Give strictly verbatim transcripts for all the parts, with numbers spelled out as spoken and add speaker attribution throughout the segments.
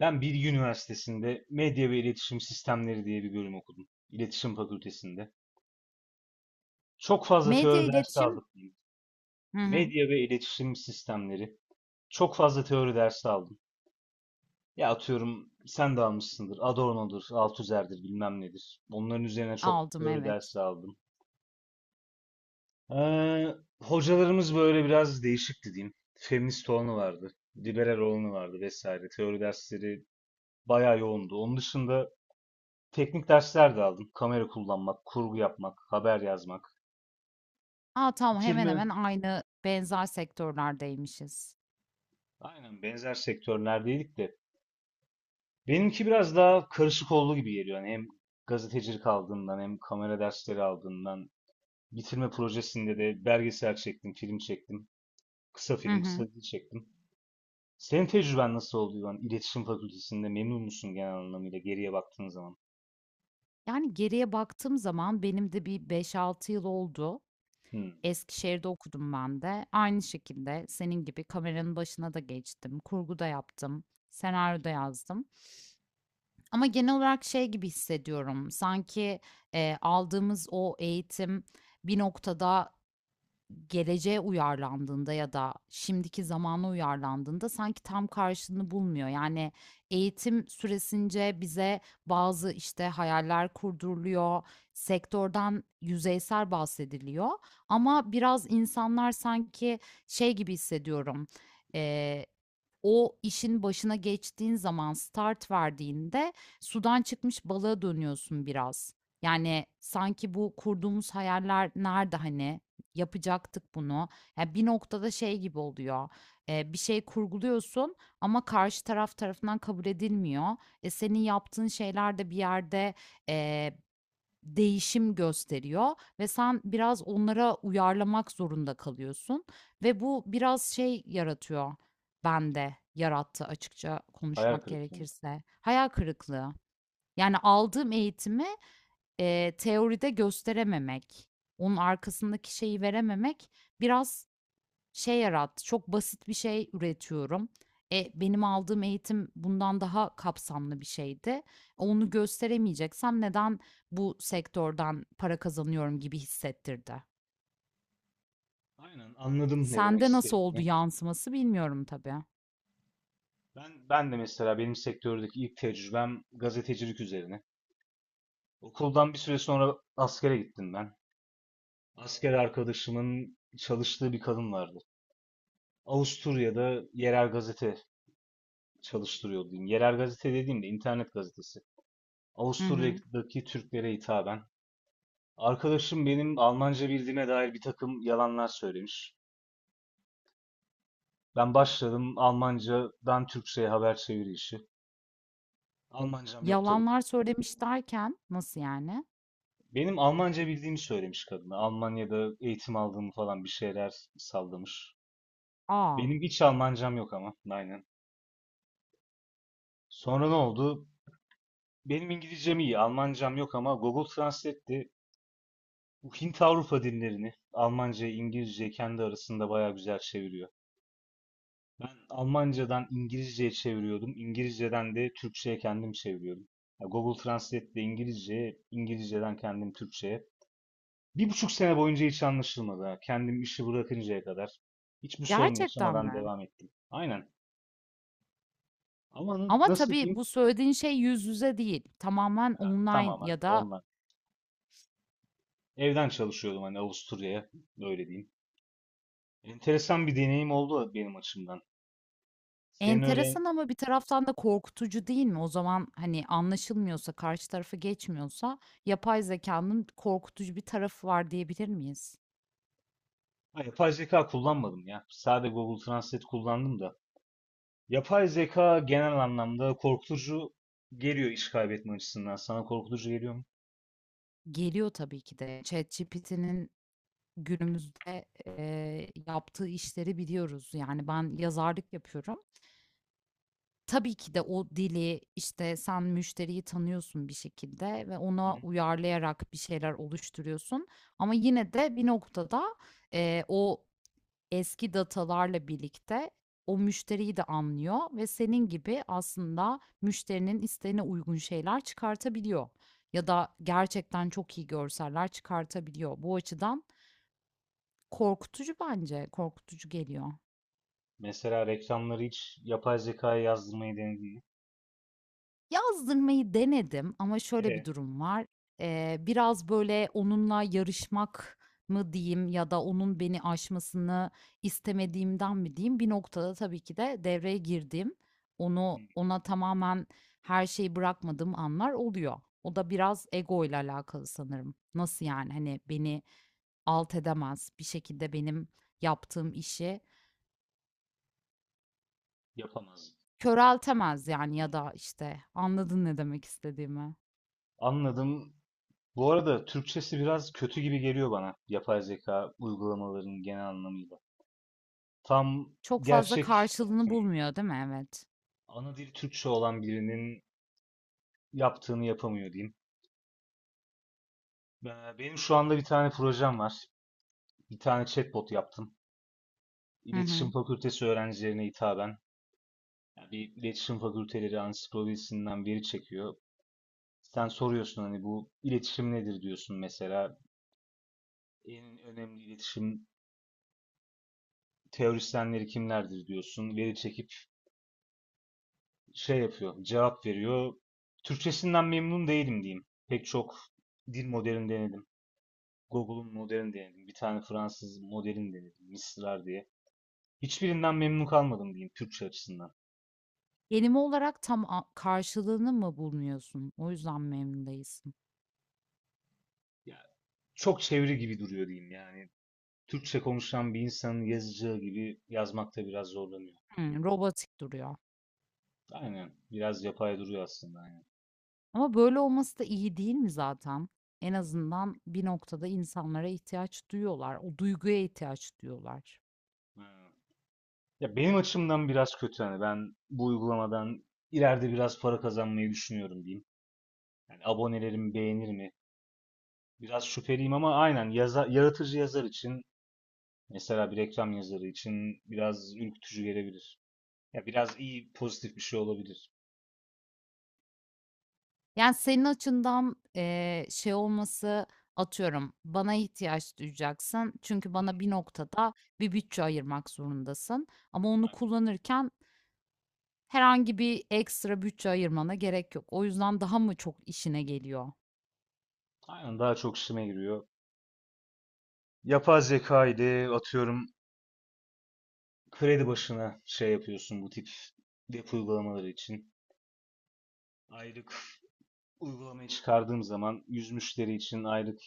Speaker 1: Ben Bilgi Üniversitesi'nde Medya ve İletişim Sistemleri diye bir bölüm okudum. İletişim Fakültesi'nde. Çok fazla
Speaker 2: Medya,
Speaker 1: teori dersi
Speaker 2: iletişim.
Speaker 1: aldık diyeyim.
Speaker 2: Hı hı.
Speaker 1: Medya ve İletişim Sistemleri. Çok fazla teori dersi aldım. Ya atıyorum sen de almışsındır. Adorno'dur, Althusser'dir bilmem nedir. Onların üzerine çok
Speaker 2: Aldım,
Speaker 1: teori
Speaker 2: evet.
Speaker 1: dersi aldım. Ee, Hocalarımız böyle biraz değişikti diyeyim. Feminist olanı vardı, liberal olanı vardı vesaire. Teori dersleri bayağı yoğundu. Onun dışında teknik dersler de aldık. Kamera kullanmak, kurgu yapmak, haber yazmak.
Speaker 2: A, tamam, hemen
Speaker 1: Bitirme,
Speaker 2: hemen aynı, benzer sektörlerdeymişiz.
Speaker 1: aynen benzer sektörlerdeydik de. Benimki biraz daha karışık olduğu gibi geliyor. Yani hem gazetecilik aldığımdan hem kamera dersleri aldığımdan. Bitirme projesinde de belgesel çektim, film çektim. Kısa
Speaker 2: Hı
Speaker 1: film, kısa
Speaker 2: hı.
Speaker 1: dizi çektim. Senin tecrüben nasıl oldu İvan? İletişim Fakültesi'nde memnun musun genel anlamıyla geriye baktığın zaman?
Speaker 2: Yani geriye baktığım zaman benim de bir beş altı yıl oldu.
Speaker 1: Hmm,
Speaker 2: Eskişehir'de okudum ben de. Aynı şekilde senin gibi kameranın başına da geçtim. Kurgu da yaptım. Senaryo da yazdım. Ama genel olarak şey gibi hissediyorum. Sanki, eee, aldığımız o eğitim bir noktada geleceğe uyarlandığında ya da şimdiki zamana uyarlandığında sanki tam karşılığını bulmuyor. Yani eğitim süresince bize bazı işte hayaller kurduruluyor, sektörden yüzeysel bahsediliyor ama biraz insanlar sanki şey gibi hissediyorum. eee, O işin başına geçtiğin zaman start verdiğinde sudan çıkmış balığa dönüyorsun biraz. Yani sanki bu kurduğumuz hayaller nerede hani? Yapacaktık bunu. Ya, bir noktada şey gibi oluyor, eee, bir şey kurguluyorsun ama karşı taraf tarafından kabul edilmiyor. E, senin yaptığın şeyler de bir yerde, eee, değişim gösteriyor ve sen biraz onlara uyarlamak zorunda kalıyorsun ve bu biraz şey yaratıyor bende, yarattı açıkça
Speaker 1: hayal
Speaker 2: konuşmak
Speaker 1: kırıklığı.
Speaker 2: gerekirse, hayal kırıklığı. Yani aldığım eğitimi Eee, teoride gösterememek, onun arkasındaki şeyi verememek biraz şey yarattı. Çok basit bir şey üretiyorum. E, benim aldığım eğitim bundan daha kapsamlı bir şeydi. Onu gösteremeyeceksem neden bu sektörden para kazanıyorum gibi hissettirdi.
Speaker 1: Aynen, anladım ne demek
Speaker 2: Sende nasıl oldu
Speaker 1: istediğini.
Speaker 2: yansıması bilmiyorum tabii.
Speaker 1: Ben, ben de mesela benim sektördeki ilk tecrübem gazetecilik üzerine. Okuldan bir süre sonra askere gittim ben. Asker arkadaşımın çalıştığı bir kadın vardı. Avusturya'da yerel gazete çalıştırıyordu diyeyim. Yerel gazete dediğimde internet gazetesi.
Speaker 2: Hı hı.
Speaker 1: Avusturya'daki Türklere hitaben. Arkadaşım benim Almanca bildiğime dair bir takım yalanlar söylemiş. Ben başladım Almancadan Türkçe'ye haber çeviri işi. Almancam yok tabii.
Speaker 2: Yalanlar söylemiş derken nasıl yani?
Speaker 1: Benim Almanca bildiğimi söylemiş kadına. Almanya'da eğitim aldığımı falan bir şeyler sallamış.
Speaker 2: Aa,
Speaker 1: Benim hiç Almancam yok ama. Aynen. Sonra ne oldu? Benim İngilizcem iyi, Almancam yok ama Google Translate'te bu Hint Avrupa dillerini Almanca, İngilizce kendi arasında bayağı güzel çeviriyor. Ben Almancadan İngilizceye çeviriyordum. İngilizceden de Türkçeye kendim çeviriyordum. Ya Google Translate'de İngilizce, İngilizceden kendim Türkçeye. Bir buçuk sene boyunca hiç anlaşılmadı. Ha. Kendim işi bırakıncaya kadar hiçbir sorun
Speaker 2: gerçekten
Speaker 1: yaşamadan
Speaker 2: mi?
Speaker 1: devam ettim. Aynen. Ama na-
Speaker 2: Ama
Speaker 1: nasıl
Speaker 2: tabii
Speaker 1: diyeyim?
Speaker 2: bu söylediğin şey yüz yüze değil. Tamamen online
Speaker 1: Tamamen
Speaker 2: ya da
Speaker 1: onlar. Evden çalışıyordum hani Avusturya'ya. Öyle diyeyim. Enteresan bir deneyim oldu benim açımdan. Senin öyle.
Speaker 2: enteresan ama bir taraftan da korkutucu değil mi? O zaman hani anlaşılmıyorsa, karşı tarafı geçmiyorsa yapay zekanın korkutucu bir tarafı var diyebilir miyiz?
Speaker 1: Ha, yapay zeka kullanmadım ya. Sadece Google Translate kullandım da. Yapay zeka genel anlamda korkutucu geliyor iş kaybetme açısından. Sana korkutucu geliyor mu?
Speaker 2: Geliyor tabii ki de. ChatGPT'nin günümüzde, eee, yaptığı işleri biliyoruz. Yani ben yazarlık yapıyorum. Tabii ki de o dili, işte, sen müşteriyi tanıyorsun bir şekilde ve
Speaker 1: Hı
Speaker 2: ona
Speaker 1: hı.
Speaker 2: uyarlayarak bir şeyler oluşturuyorsun ama yine de bir noktada, eee, o eski datalarla birlikte o müşteriyi de anlıyor ve senin gibi aslında müşterinin isteğine uygun şeyler çıkartabiliyor ya da gerçekten çok iyi görseller çıkartabiliyor. Bu açıdan korkutucu bence, korkutucu geliyor.
Speaker 1: Mesela reklamları hiç yapay zekaya yazdırmayı denedin mi?
Speaker 2: Yazdırmayı denedim ama şöyle bir
Speaker 1: E,
Speaker 2: durum var. Eee, biraz, böyle, onunla yarışmak mı diyeyim ya da onun beni aşmasını istemediğimden mi diyeyim, bir noktada tabii ki de devreye girdiğim,
Speaker 1: hı,
Speaker 2: onu ona tamamen her şeyi bırakmadığım anlar oluyor. O da biraz ego ile alakalı sanırım. Nasıl yani? Hani, beni alt edemez, bir şekilde benim yaptığım işi
Speaker 1: yapamaz.
Speaker 2: köreltemez yani ya da, işte, anladın ne demek istediğimi.
Speaker 1: Anladım. Bu arada Türkçesi biraz kötü gibi geliyor bana. Yapay zeka uygulamalarının genel anlamıyla. Tam
Speaker 2: Çok fazla
Speaker 1: gerçek
Speaker 2: karşılığını
Speaker 1: hmm,
Speaker 2: bulmuyor, değil mi? Evet.
Speaker 1: ana dili Türkçe olan birinin yaptığını yapamıyor diyeyim. Ee, Benim şu anda bir tane projem var. Bir tane chatbot yaptım.
Speaker 2: Hı
Speaker 1: İletişim
Speaker 2: hı.
Speaker 1: Fakültesi öğrencilerine hitaben. Yani bir iletişim fakülteleri ansiklopedisinden veri çekiyor. Sen soruyorsun hani bu iletişim nedir diyorsun mesela. En önemli iletişim teorisyenleri kimlerdir diyorsun. Veri çekip şey yapıyor, cevap veriyor. Türkçesinden memnun değilim diyeyim. Pek çok dil modelini denedim. Google'un modelini denedim. Bir tane Fransız modelini denedim. Mistral diye. Hiçbirinden memnun kalmadım diyeyim Türkçe açısından.
Speaker 2: Kelime olarak tam a karşılığını mı bulmuyorsun? O yüzden mi memnun değilsin?
Speaker 1: Ya, çok çeviri gibi duruyor diyeyim yani. Türkçe konuşan bir insanın yazacağı gibi yazmakta biraz zorlanıyor.
Speaker 2: Hımm, robotik duruyor.
Speaker 1: Aynen. Biraz yapay duruyor aslında. Aynen.
Speaker 2: Ama böyle olması da iyi değil mi zaten? En azından bir noktada insanlara ihtiyaç duyuyorlar. O duyguya ihtiyaç duyuyorlar.
Speaker 1: Aynen. Ya benim açımdan biraz kötü hani ben bu uygulamadan ileride biraz para kazanmayı düşünüyorum diyeyim. Yani abonelerimi beğenir mi? Biraz şüpheliyim ama aynen yaza- yaratıcı yazar için mesela bir reklam yazarı için biraz ürkütücü gelebilir. Ya biraz iyi pozitif bir şey olabilir.
Speaker 2: Yani, senin açından, eee, şey olması, atıyorum, bana ihtiyaç duyacaksın çünkü bana bir noktada bir bütçe ayırmak zorundasın ama onu
Speaker 1: Aynen.
Speaker 2: kullanırken herhangi bir ekstra bütçe ayırmana gerek yok. O yüzden daha mı çok işine geliyor?
Speaker 1: Aynen, daha çok işime giriyor. Yapay zeka ile atıyorum kredi başına şey yapıyorsun bu tip web uygulamaları için. Aylık uygulamayı çıkardığım zaman yüz müşteri için aylık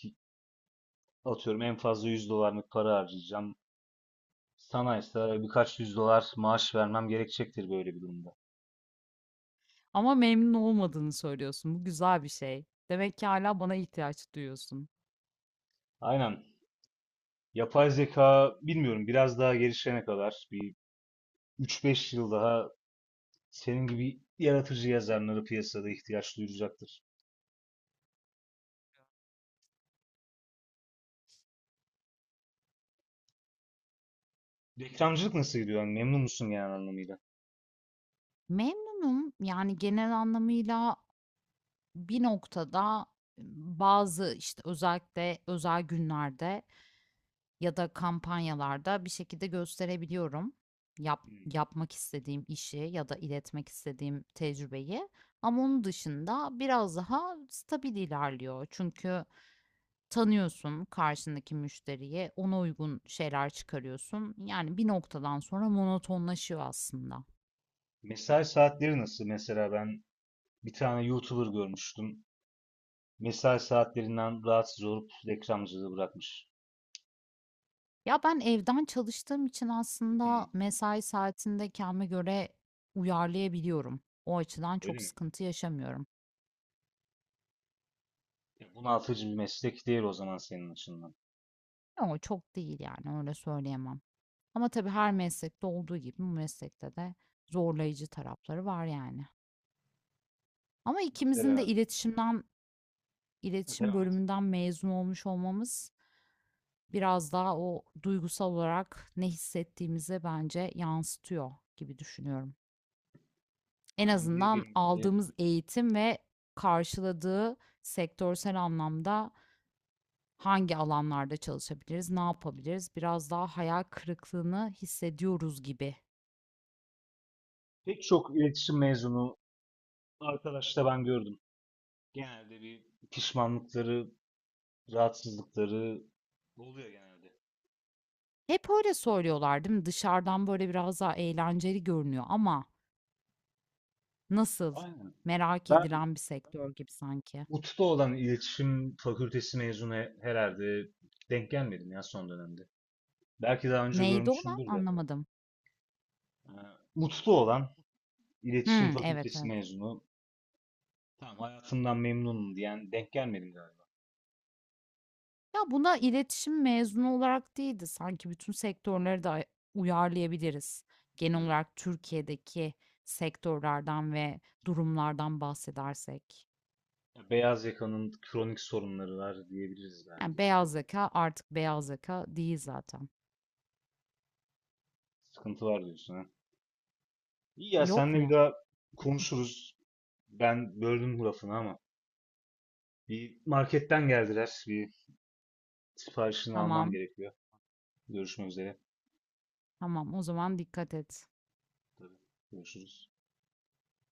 Speaker 1: atıyorum en fazla yüz dolarlık para harcayacağım. Sana ise birkaç yüz dolar maaş vermem gerekecektir böyle bir durumda.
Speaker 2: Ama memnun olmadığını söylüyorsun. Bu güzel bir şey. Demek ki hala bana ihtiyaç duyuyorsun.
Speaker 1: Aynen. Yapay zeka bilmiyorum biraz daha gelişene kadar bir üç beş yıl daha senin gibi yaratıcı yazarlara piyasada ihtiyaç duyulacaktır. Reklamcılık nasıl gidiyor? Yani memnun musun genel anlamıyla?
Speaker 2: Memnunum. Yani genel anlamıyla bir noktada bazı, işte, özellikle özel günlerde ya da kampanyalarda bir şekilde gösterebiliyorum yap
Speaker 1: Hmm.
Speaker 2: yapmak istediğim işi ya da iletmek istediğim tecrübeyi ama onun dışında biraz daha stabil ilerliyor. Çünkü tanıyorsun karşındaki müşteriye, ona uygun şeyler çıkarıyorsun. Yani bir noktadan sonra monotonlaşıyor aslında.
Speaker 1: Mesai saatleri nasıl? Mesela ben bir tane YouTuber görmüştüm. Mesai saatlerinden rahatsız olup reklamcılığı bırakmış.
Speaker 2: Ya ben evden çalıştığım için aslında
Speaker 1: Hmm,
Speaker 2: mesai saatinde kendime göre uyarlayabiliyorum. O açıdan
Speaker 1: öyle
Speaker 2: çok
Speaker 1: mi?
Speaker 2: sıkıntı yaşamıyorum.
Speaker 1: Ya bunaltıcı bir meslek değil o zaman senin açından.
Speaker 2: Ama çok değil yani öyle söyleyemem. Ama tabii her meslekte olduğu gibi bu meslekte de zorlayıcı tarafları var yani. Ama ikimizin de
Speaker 1: Mesela
Speaker 2: iletişimden, iletişim
Speaker 1: devam et.
Speaker 2: bölümünden mezun olmuş olmamız biraz daha o duygusal olarak ne hissettiğimize bence yansıtıyor gibi düşünüyorum. En
Speaker 1: Aynen, bir
Speaker 2: azından
Speaker 1: bir.
Speaker 2: aldığımız eğitim ve karşıladığı sektörsel anlamda hangi alanlarda çalışabiliriz, ne yapabiliriz? Biraz daha hayal kırıklığını hissediyoruz gibi.
Speaker 1: Pek çok iletişim mezunu arkadaş da ben gördüm. Genelde bir pişmanlıkları, rahatsızlıkları oluyor genelde.
Speaker 2: Hep öyle söylüyorlar değil mi? Dışarıdan böyle biraz daha eğlenceli görünüyor ama nasıl?
Speaker 1: Aynen.
Speaker 2: Merak
Speaker 1: Ben
Speaker 2: edilen bir sektör gibi sanki.
Speaker 1: Ut'ta olan iletişim fakültesi mezunu he- herhalde denk gelmedim ya son dönemde. Belki daha önce
Speaker 2: Neydi olan
Speaker 1: görmüşümdür de.
Speaker 2: anlamadım.
Speaker 1: Ee, Ut'ta olan iletişim
Speaker 2: Hmm, evet,
Speaker 1: fakültesi
Speaker 2: evet.
Speaker 1: mezunu tamam hayatımdan memnunum diyen denk gelmedim galiba.
Speaker 2: Ya buna iletişim mezunu olarak değil de sanki bütün sektörleri de uyarlayabiliriz. Genel
Speaker 1: Hmm.
Speaker 2: olarak Türkiye'deki sektörlerden ve durumlardan bahsedersek.
Speaker 1: Ya beyaz yakanın kronik sorunları var diyebiliriz
Speaker 2: Yani
Speaker 1: belki. Tüh,
Speaker 2: beyaz yaka artık beyaz yaka değil zaten.
Speaker 1: sıkıntı var diyorsun ha. İyi ya
Speaker 2: Yok
Speaker 1: senle bir
Speaker 2: mu?
Speaker 1: daha konuşuruz. Ben böldüm bu lafını ama. Bir marketten geldiler. Bir siparişini almam
Speaker 2: Tamam,
Speaker 1: gerekiyor. Görüşmek üzere.
Speaker 2: tamam. O zaman dikkat et.
Speaker 1: Tabii. Görüşürüz.